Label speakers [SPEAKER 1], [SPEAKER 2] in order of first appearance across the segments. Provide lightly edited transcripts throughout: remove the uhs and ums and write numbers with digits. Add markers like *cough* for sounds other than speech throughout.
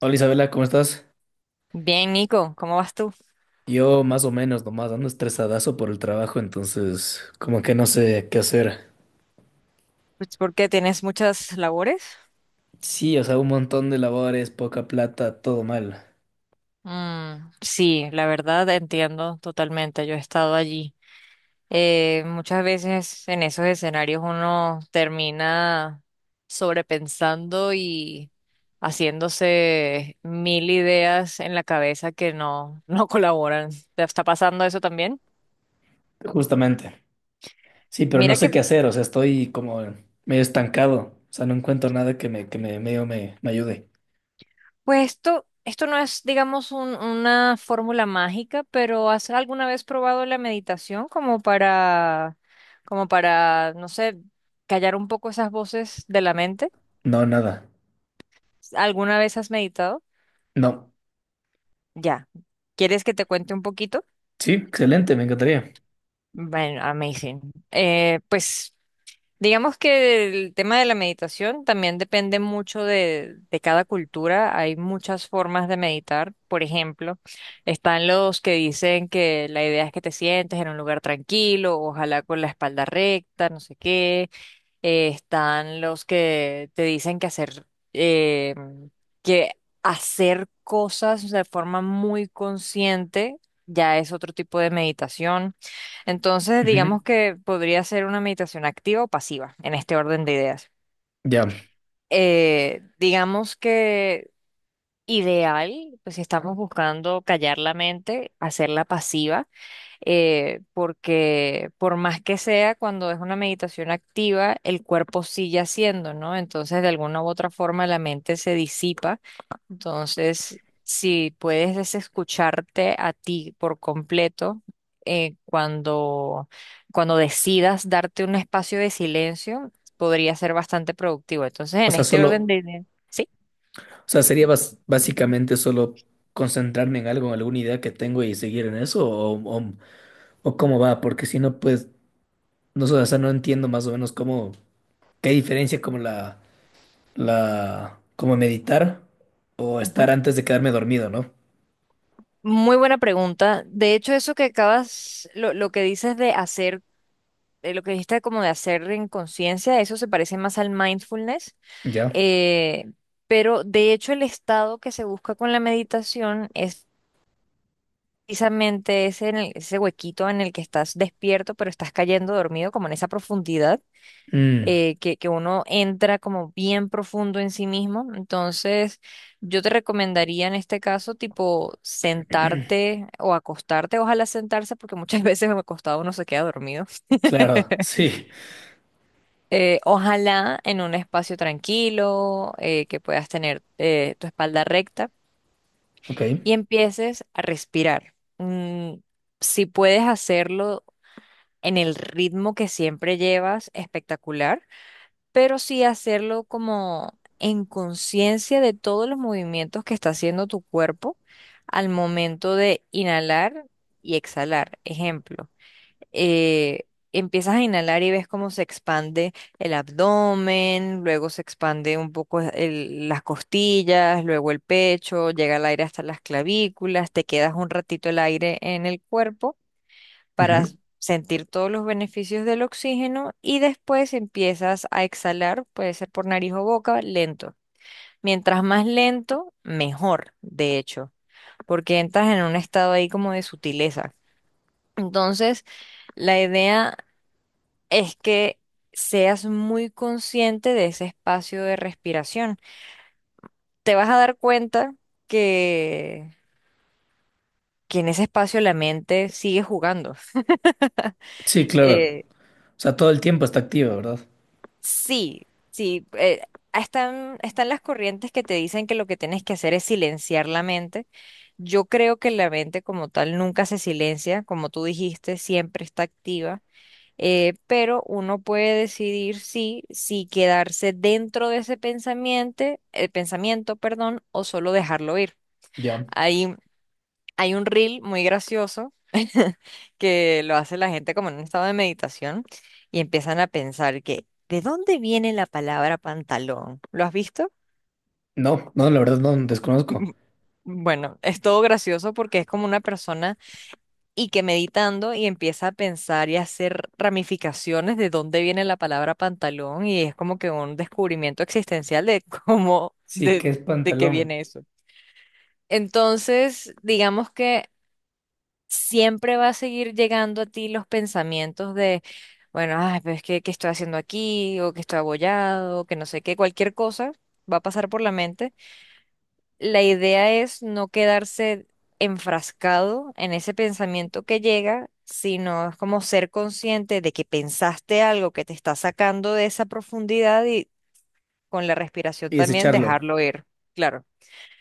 [SPEAKER 1] Hola Isabela, ¿cómo estás?
[SPEAKER 2] Bien, Nico, ¿cómo vas tú?
[SPEAKER 1] Yo más o menos nomás ando estresadazo por el trabajo, entonces como que no sé qué hacer.
[SPEAKER 2] Pues ¿por qué tienes muchas labores.
[SPEAKER 1] Sí, o sea, un montón de labores, poca plata, todo mal.
[SPEAKER 2] Sí, la verdad entiendo totalmente. Yo he estado allí. Muchas veces en esos escenarios uno termina sobrepensando y haciéndose mil ideas en la cabeza que no, *laughs* no colaboran. ¿Te está pasando eso también?
[SPEAKER 1] Justamente. Sí, pero no
[SPEAKER 2] Mira que
[SPEAKER 1] sé qué hacer, o sea, estoy como medio estancado, o sea, no encuentro nada que me medio me ayude.
[SPEAKER 2] Pues esto no es, digamos, una fórmula mágica, pero ¿has alguna vez probado la meditación como para, como para, no sé, callar un poco esas voces de la mente?
[SPEAKER 1] No, nada.
[SPEAKER 2] ¿Alguna vez has meditado?
[SPEAKER 1] No.
[SPEAKER 2] Ya. ¿Quieres que te cuente un poquito?
[SPEAKER 1] Sí, excelente, me encantaría.
[SPEAKER 2] Bueno, amazing. Eh, pues Digamos que el tema de la meditación también depende mucho de cada cultura. Hay muchas formas de meditar. Por ejemplo, están los que dicen que la idea es que te sientes en un lugar tranquilo, ojalá con la espalda recta, no sé qué. Están los que te dicen eh, que hacer cosas de forma muy consciente ya es otro tipo de meditación. Entonces,
[SPEAKER 1] Ujú.
[SPEAKER 2] digamos que podría ser una meditación activa o pasiva en este orden de ideas.
[SPEAKER 1] Ya.
[SPEAKER 2] Digamos que ideal, pues si estamos buscando callar la mente, hacerla pasiva, porque por más que sea, cuando es una meditación activa, el cuerpo sigue haciendo, ¿no? Entonces, de alguna u otra forma, la mente se disipa. Entonces, si puedes desescucharte a ti por completo, eh, cuando, cuando decidas darte un espacio de silencio, podría ser bastante productivo. Entonces,
[SPEAKER 1] O
[SPEAKER 2] en
[SPEAKER 1] sea,
[SPEAKER 2] este
[SPEAKER 1] solo,
[SPEAKER 2] orden de ideas, sí.
[SPEAKER 1] o sea, sería básicamente solo concentrarme en algo, en alguna idea que tengo y seguir en eso, o cómo va, porque si no, pues, no, sé, o sea, no entiendo más o menos cómo, qué diferencia como como meditar o
[SPEAKER 2] Ujú.
[SPEAKER 1] estar antes de quedarme dormido, ¿no?
[SPEAKER 2] Muy buena pregunta. De hecho, eso que acabas, lo que dices de hacer, lo que dijiste como de hacer en conciencia, eso se parece más al mindfulness.
[SPEAKER 1] Ya.
[SPEAKER 2] eh, pero de hecho, el estado que se busca con la meditación es precisamente ese, ese huequito en el que estás despierto, pero estás cayendo dormido, como en esa profundidad,
[SPEAKER 1] Mm,
[SPEAKER 2] que uno entra como bien profundo en sí mismo. Entonces, yo te recomendaría en este caso, tipo, sentarte o acostarte, ojalá sentarse, porque muchas *laughs* veces acostado uno se queda dormido.
[SPEAKER 1] claro, *laughs* sí,
[SPEAKER 2] Ojalá en un espacio tranquilo, que puedas tener tu espalda recta
[SPEAKER 1] ok.
[SPEAKER 2] y empieces a respirar. Si puedes hacerlo en el ritmo que siempre llevas, espectacular. Pero sí hacerlo como en conciencia de todos los movimientos que está haciendo tu cuerpo al momento de inhalar y exhalar. Ejemplo, eh, empiezas a inhalar y ves cómo se expande el abdomen, luego se expande un poco las costillas, luego el pecho, llega el aire hasta las clavículas, te quedas un ratito el aire en el cuerpo para
[SPEAKER 1] Ujú.
[SPEAKER 2] sentir todos los beneficios del oxígeno y después empiezas a exhalar, puede ser por nariz o boca, lento. Mientras más lento, mejor, de hecho, porque entras en un estado ahí como de sutileza. Entonces, la idea es que seas muy consciente de ese espacio de respiración. Te vas a dar cuenta que, que en ese espacio la mente sigue jugando.
[SPEAKER 1] Sí,
[SPEAKER 2] *laughs*
[SPEAKER 1] claro.
[SPEAKER 2] Eh,
[SPEAKER 1] O sea, todo el tiempo está activa, ¿verdad?
[SPEAKER 2] Sí, sí, están las corrientes que te dicen que lo que tienes que hacer es silenciar la mente. Yo creo que la mente como tal nunca se silencia, como tú dijiste, siempre está activa. Pero uno puede decidir si quedarse dentro de ese pensamiento, el pensamiento, perdón, o solo dejarlo ir.
[SPEAKER 1] Ya.
[SPEAKER 2] Hay Hay un reel muy gracioso *laughs* que lo hace la gente como en un estado de meditación y empiezan a pensar que, ¿de dónde viene la palabra pantalón? ¿Lo has visto? *laughs*
[SPEAKER 1] No, no, la verdad no, desconozco.
[SPEAKER 2] Mm, Bueno, es todo gracioso porque es como una persona y que meditando y empieza a pensar y a hacer ramificaciones de dónde viene la palabra pantalón y es como que un descubrimiento existencial de *laughs*
[SPEAKER 1] Sí, que es
[SPEAKER 2] de qué
[SPEAKER 1] pantalón.
[SPEAKER 2] viene eso. Entonces, digamos que siempre va a seguir llegando a ti los pensamientos de, bueno, ay, pero es que, ¿qué estoy haciendo aquí? O que estoy abollado, o que no sé qué, cualquier cosa va a pasar por la mente. La idea es no quedarse enfrascado en ese pensamiento que llega, sino es como ser consciente de que pensaste algo que te está sacando de esa profundidad y con la respiración
[SPEAKER 1] Y
[SPEAKER 2] también
[SPEAKER 1] desecharlo.
[SPEAKER 2] dejarlo ir, claro.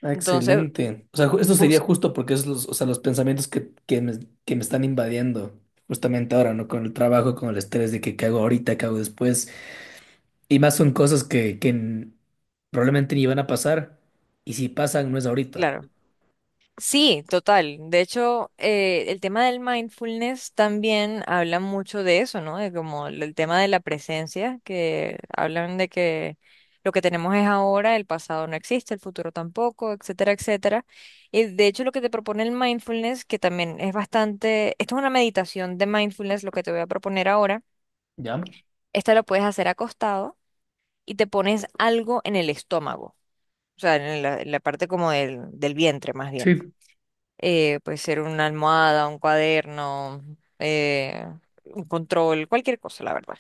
[SPEAKER 1] Ah,
[SPEAKER 2] Entonces,
[SPEAKER 1] excelente. O sea, esto sería
[SPEAKER 2] bus,
[SPEAKER 1] justo porque es los, o sea, los pensamientos que me están invadiendo justamente ahora, ¿no? Con el trabajo, con el estrés de que qué hago ahorita, qué hago después. Y más son cosas que probablemente ni van a pasar. Y si pasan, no es ahorita.
[SPEAKER 2] claro. Sí, total. De hecho, el tema del mindfulness también habla mucho de eso, ¿no? De como el tema de la presencia, que hablan de que lo que tenemos es ahora, el pasado no existe, el futuro tampoco, etcétera, etcétera. Y de hecho, lo que te propone el mindfulness, que también es bastante, esto es una meditación de mindfulness, lo que te voy a proponer ahora,
[SPEAKER 1] ¿Ya?
[SPEAKER 2] esta lo puedes hacer acostado y te pones algo en el estómago, o sea, en la parte como del vientre más bien.
[SPEAKER 1] Sí,
[SPEAKER 2] Puede ser una almohada, un cuaderno, eh, un control, cualquier cosa, la verdad.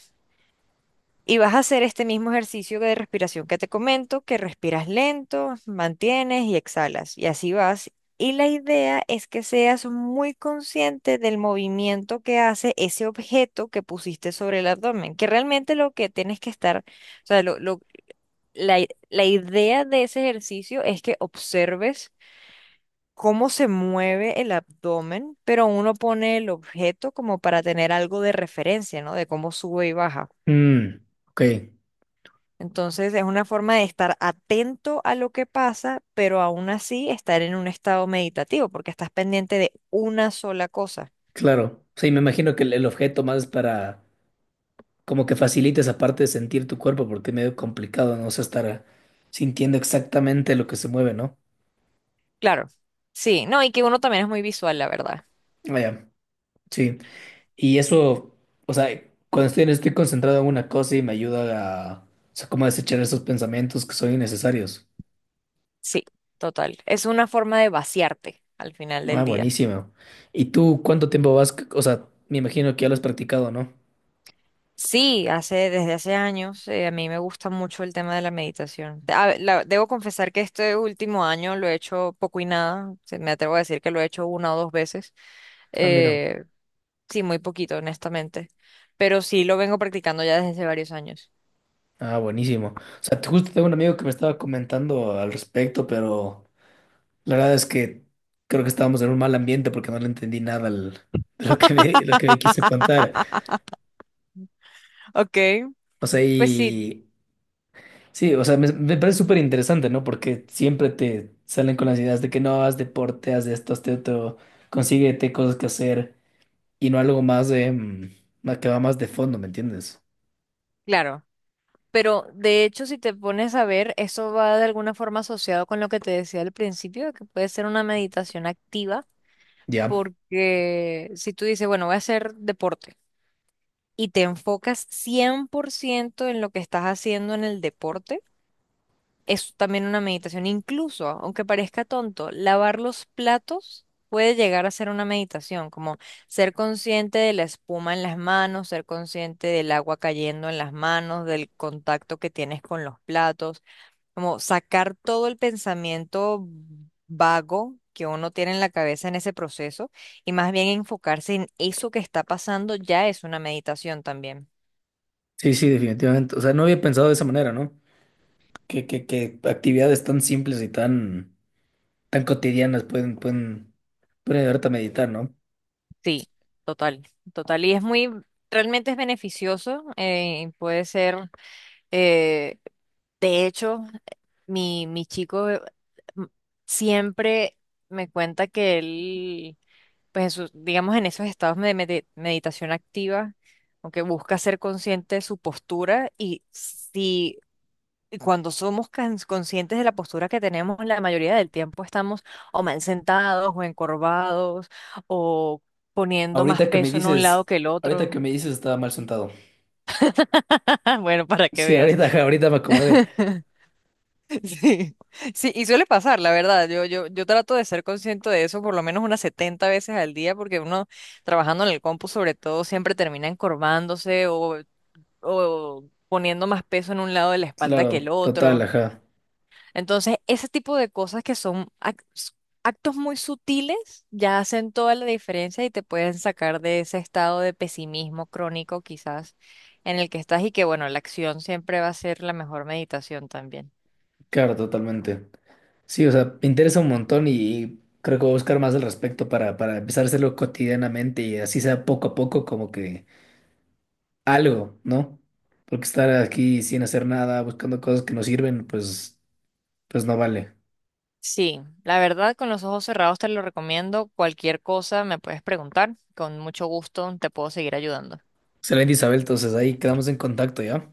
[SPEAKER 2] Y vas a hacer este mismo ejercicio de respiración que te comento, que respiras lento, mantienes y exhalas. Y así vas. Y la idea es que seas muy consciente del movimiento que hace ese objeto que pusiste sobre el abdomen, que realmente lo que tienes que estar, la idea de ese ejercicio es que observes cómo se mueve el abdomen, pero uno pone el objeto como para tener algo de referencia, ¿no? De cómo sube y baja.
[SPEAKER 1] Mm, ok,
[SPEAKER 2] Entonces es una forma de estar atento a lo que pasa, pero aún así estar en un estado meditativo, porque estás pendiente de una sola cosa.
[SPEAKER 1] claro. Sí, me imagino que el objeto más es para como que facilite esa parte de sentir tu cuerpo porque es medio complicado, ¿no? O sea, estar sintiendo exactamente lo que se mueve, ¿no?
[SPEAKER 2] Claro, sí, no, y que uno también es muy visual, la verdad.
[SPEAKER 1] Vaya, sí. Y eso, o sea, cuando estoy, estoy concentrado en una cosa y me ayuda a, o sea, como a desechar esos pensamientos que son innecesarios.
[SPEAKER 2] Sí, total. Es una forma de vaciarte al final
[SPEAKER 1] Ah,
[SPEAKER 2] del día.
[SPEAKER 1] buenísimo. ¿Y tú cuánto tiempo vas? O sea, me imagino que ya lo has practicado, ¿no?
[SPEAKER 2] Sí, hace, desde hace años, a mí me gusta mucho el tema de la meditación. Debo confesar que este último año lo he hecho poco y nada. Me atrevo a decir que lo he hecho una o dos veces.
[SPEAKER 1] Ah, mira.
[SPEAKER 2] Eh, sí, muy poquito, honestamente. Pero sí lo vengo practicando ya desde hace varios años.
[SPEAKER 1] Ah, buenísimo. O sea, justo tengo un amigo que me estaba comentando al respecto, pero la verdad es que creo que estábamos en un mal ambiente porque no le entendí nada *laughs* de lo que me quiso contar.
[SPEAKER 2] Ok,
[SPEAKER 1] O sea,
[SPEAKER 2] pues sí,
[SPEAKER 1] y sí, o sea, me parece súper interesante, ¿no? Porque siempre te salen con las ideas de que no, haz deporte, haz de esto, haz de otro, consíguete cosas que hacer y no algo más de, más que va más de fondo, ¿me entiendes?
[SPEAKER 2] claro. Pero de hecho, si te pones a ver, eso va de alguna forma asociado con lo que te decía al principio, de que puede ser una meditación activa,
[SPEAKER 1] Ya.
[SPEAKER 2] porque si tú dices, bueno, voy a hacer deporte. Y te enfocas 100% en lo que estás haciendo en el deporte, es también una meditación. Incluso, aunque parezca tonto, lavar los platos puede llegar a ser una meditación, como ser consciente de la espuma en las manos, ser consciente del agua cayendo en las manos, del contacto que tienes con los platos, como sacar todo el pensamiento vago que uno tiene en la cabeza en ese proceso y más bien enfocarse en eso que está pasando ya es una meditación también.
[SPEAKER 1] Sí, sí, definitivamente. O sea, no había pensado de esa manera, ¿no? Que actividades tan simples y tan, tan cotidianas pueden ayudarte a meditar, ¿no?
[SPEAKER 2] Sí, total, total. Y es muy, realmente es beneficioso. Eh, de hecho, mi chico, m- siempre me cuenta que él, pues, digamos, en esos estados de meditación activa, aunque busca ser consciente de su postura y si y cuando somos conscientes de la postura que tenemos, la mayoría del tiempo estamos o mal sentados o encorvados o poniendo más
[SPEAKER 1] Ahorita que me
[SPEAKER 2] peso en un lado
[SPEAKER 1] dices,
[SPEAKER 2] que el
[SPEAKER 1] ahorita
[SPEAKER 2] otro.
[SPEAKER 1] que me dices estaba mal sentado.
[SPEAKER 2] *laughs* Bueno, para que
[SPEAKER 1] Sí,
[SPEAKER 2] veas.
[SPEAKER 1] ahorita, *laughs* ajá, ahorita me acomodé.
[SPEAKER 2] *laughs* Sí, sí, y suele pasar, la verdad. Yo trato de ser consciente de eso por lo menos unas 70 veces al día, porque uno trabajando en el compu, sobre todo, siempre termina encorvándose o poniendo más peso en un lado de la espalda que el
[SPEAKER 1] Claro, total,
[SPEAKER 2] otro.
[SPEAKER 1] ajá.
[SPEAKER 2] Entonces, ese tipo de cosas que son actos muy sutiles ya hacen toda la diferencia y te pueden sacar de ese estado de pesimismo crónico quizás en el que estás y que bueno, la acción siempre va a ser la mejor meditación también.
[SPEAKER 1] Claro, totalmente. Sí, o sea, me interesa un montón y creo que voy a buscar más al respecto para empezar a hacerlo cotidianamente y así sea poco a poco como que algo, ¿no? Porque estar aquí sin hacer nada, buscando cosas que no sirven, pues, pues no vale.
[SPEAKER 2] Sí, la verdad, con los ojos cerrados te lo recomiendo. Cualquier cosa me puedes preguntar. Con mucho gusto te puedo seguir ayudando.
[SPEAKER 1] Excelente, Isabel, entonces ahí quedamos en contacto, ¿ya?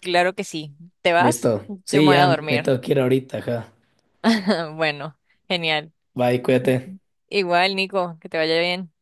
[SPEAKER 2] Claro que sí. ¿Te vas?
[SPEAKER 1] Listo.
[SPEAKER 2] Yo
[SPEAKER 1] Sí,
[SPEAKER 2] me voy a
[SPEAKER 1] ya me
[SPEAKER 2] dormir.
[SPEAKER 1] tengo que ir ahorita, ajá.
[SPEAKER 2] *laughs* Bueno, genial.
[SPEAKER 1] Bye, cuídate.
[SPEAKER 2] Igual, Nico, que te vaya bien.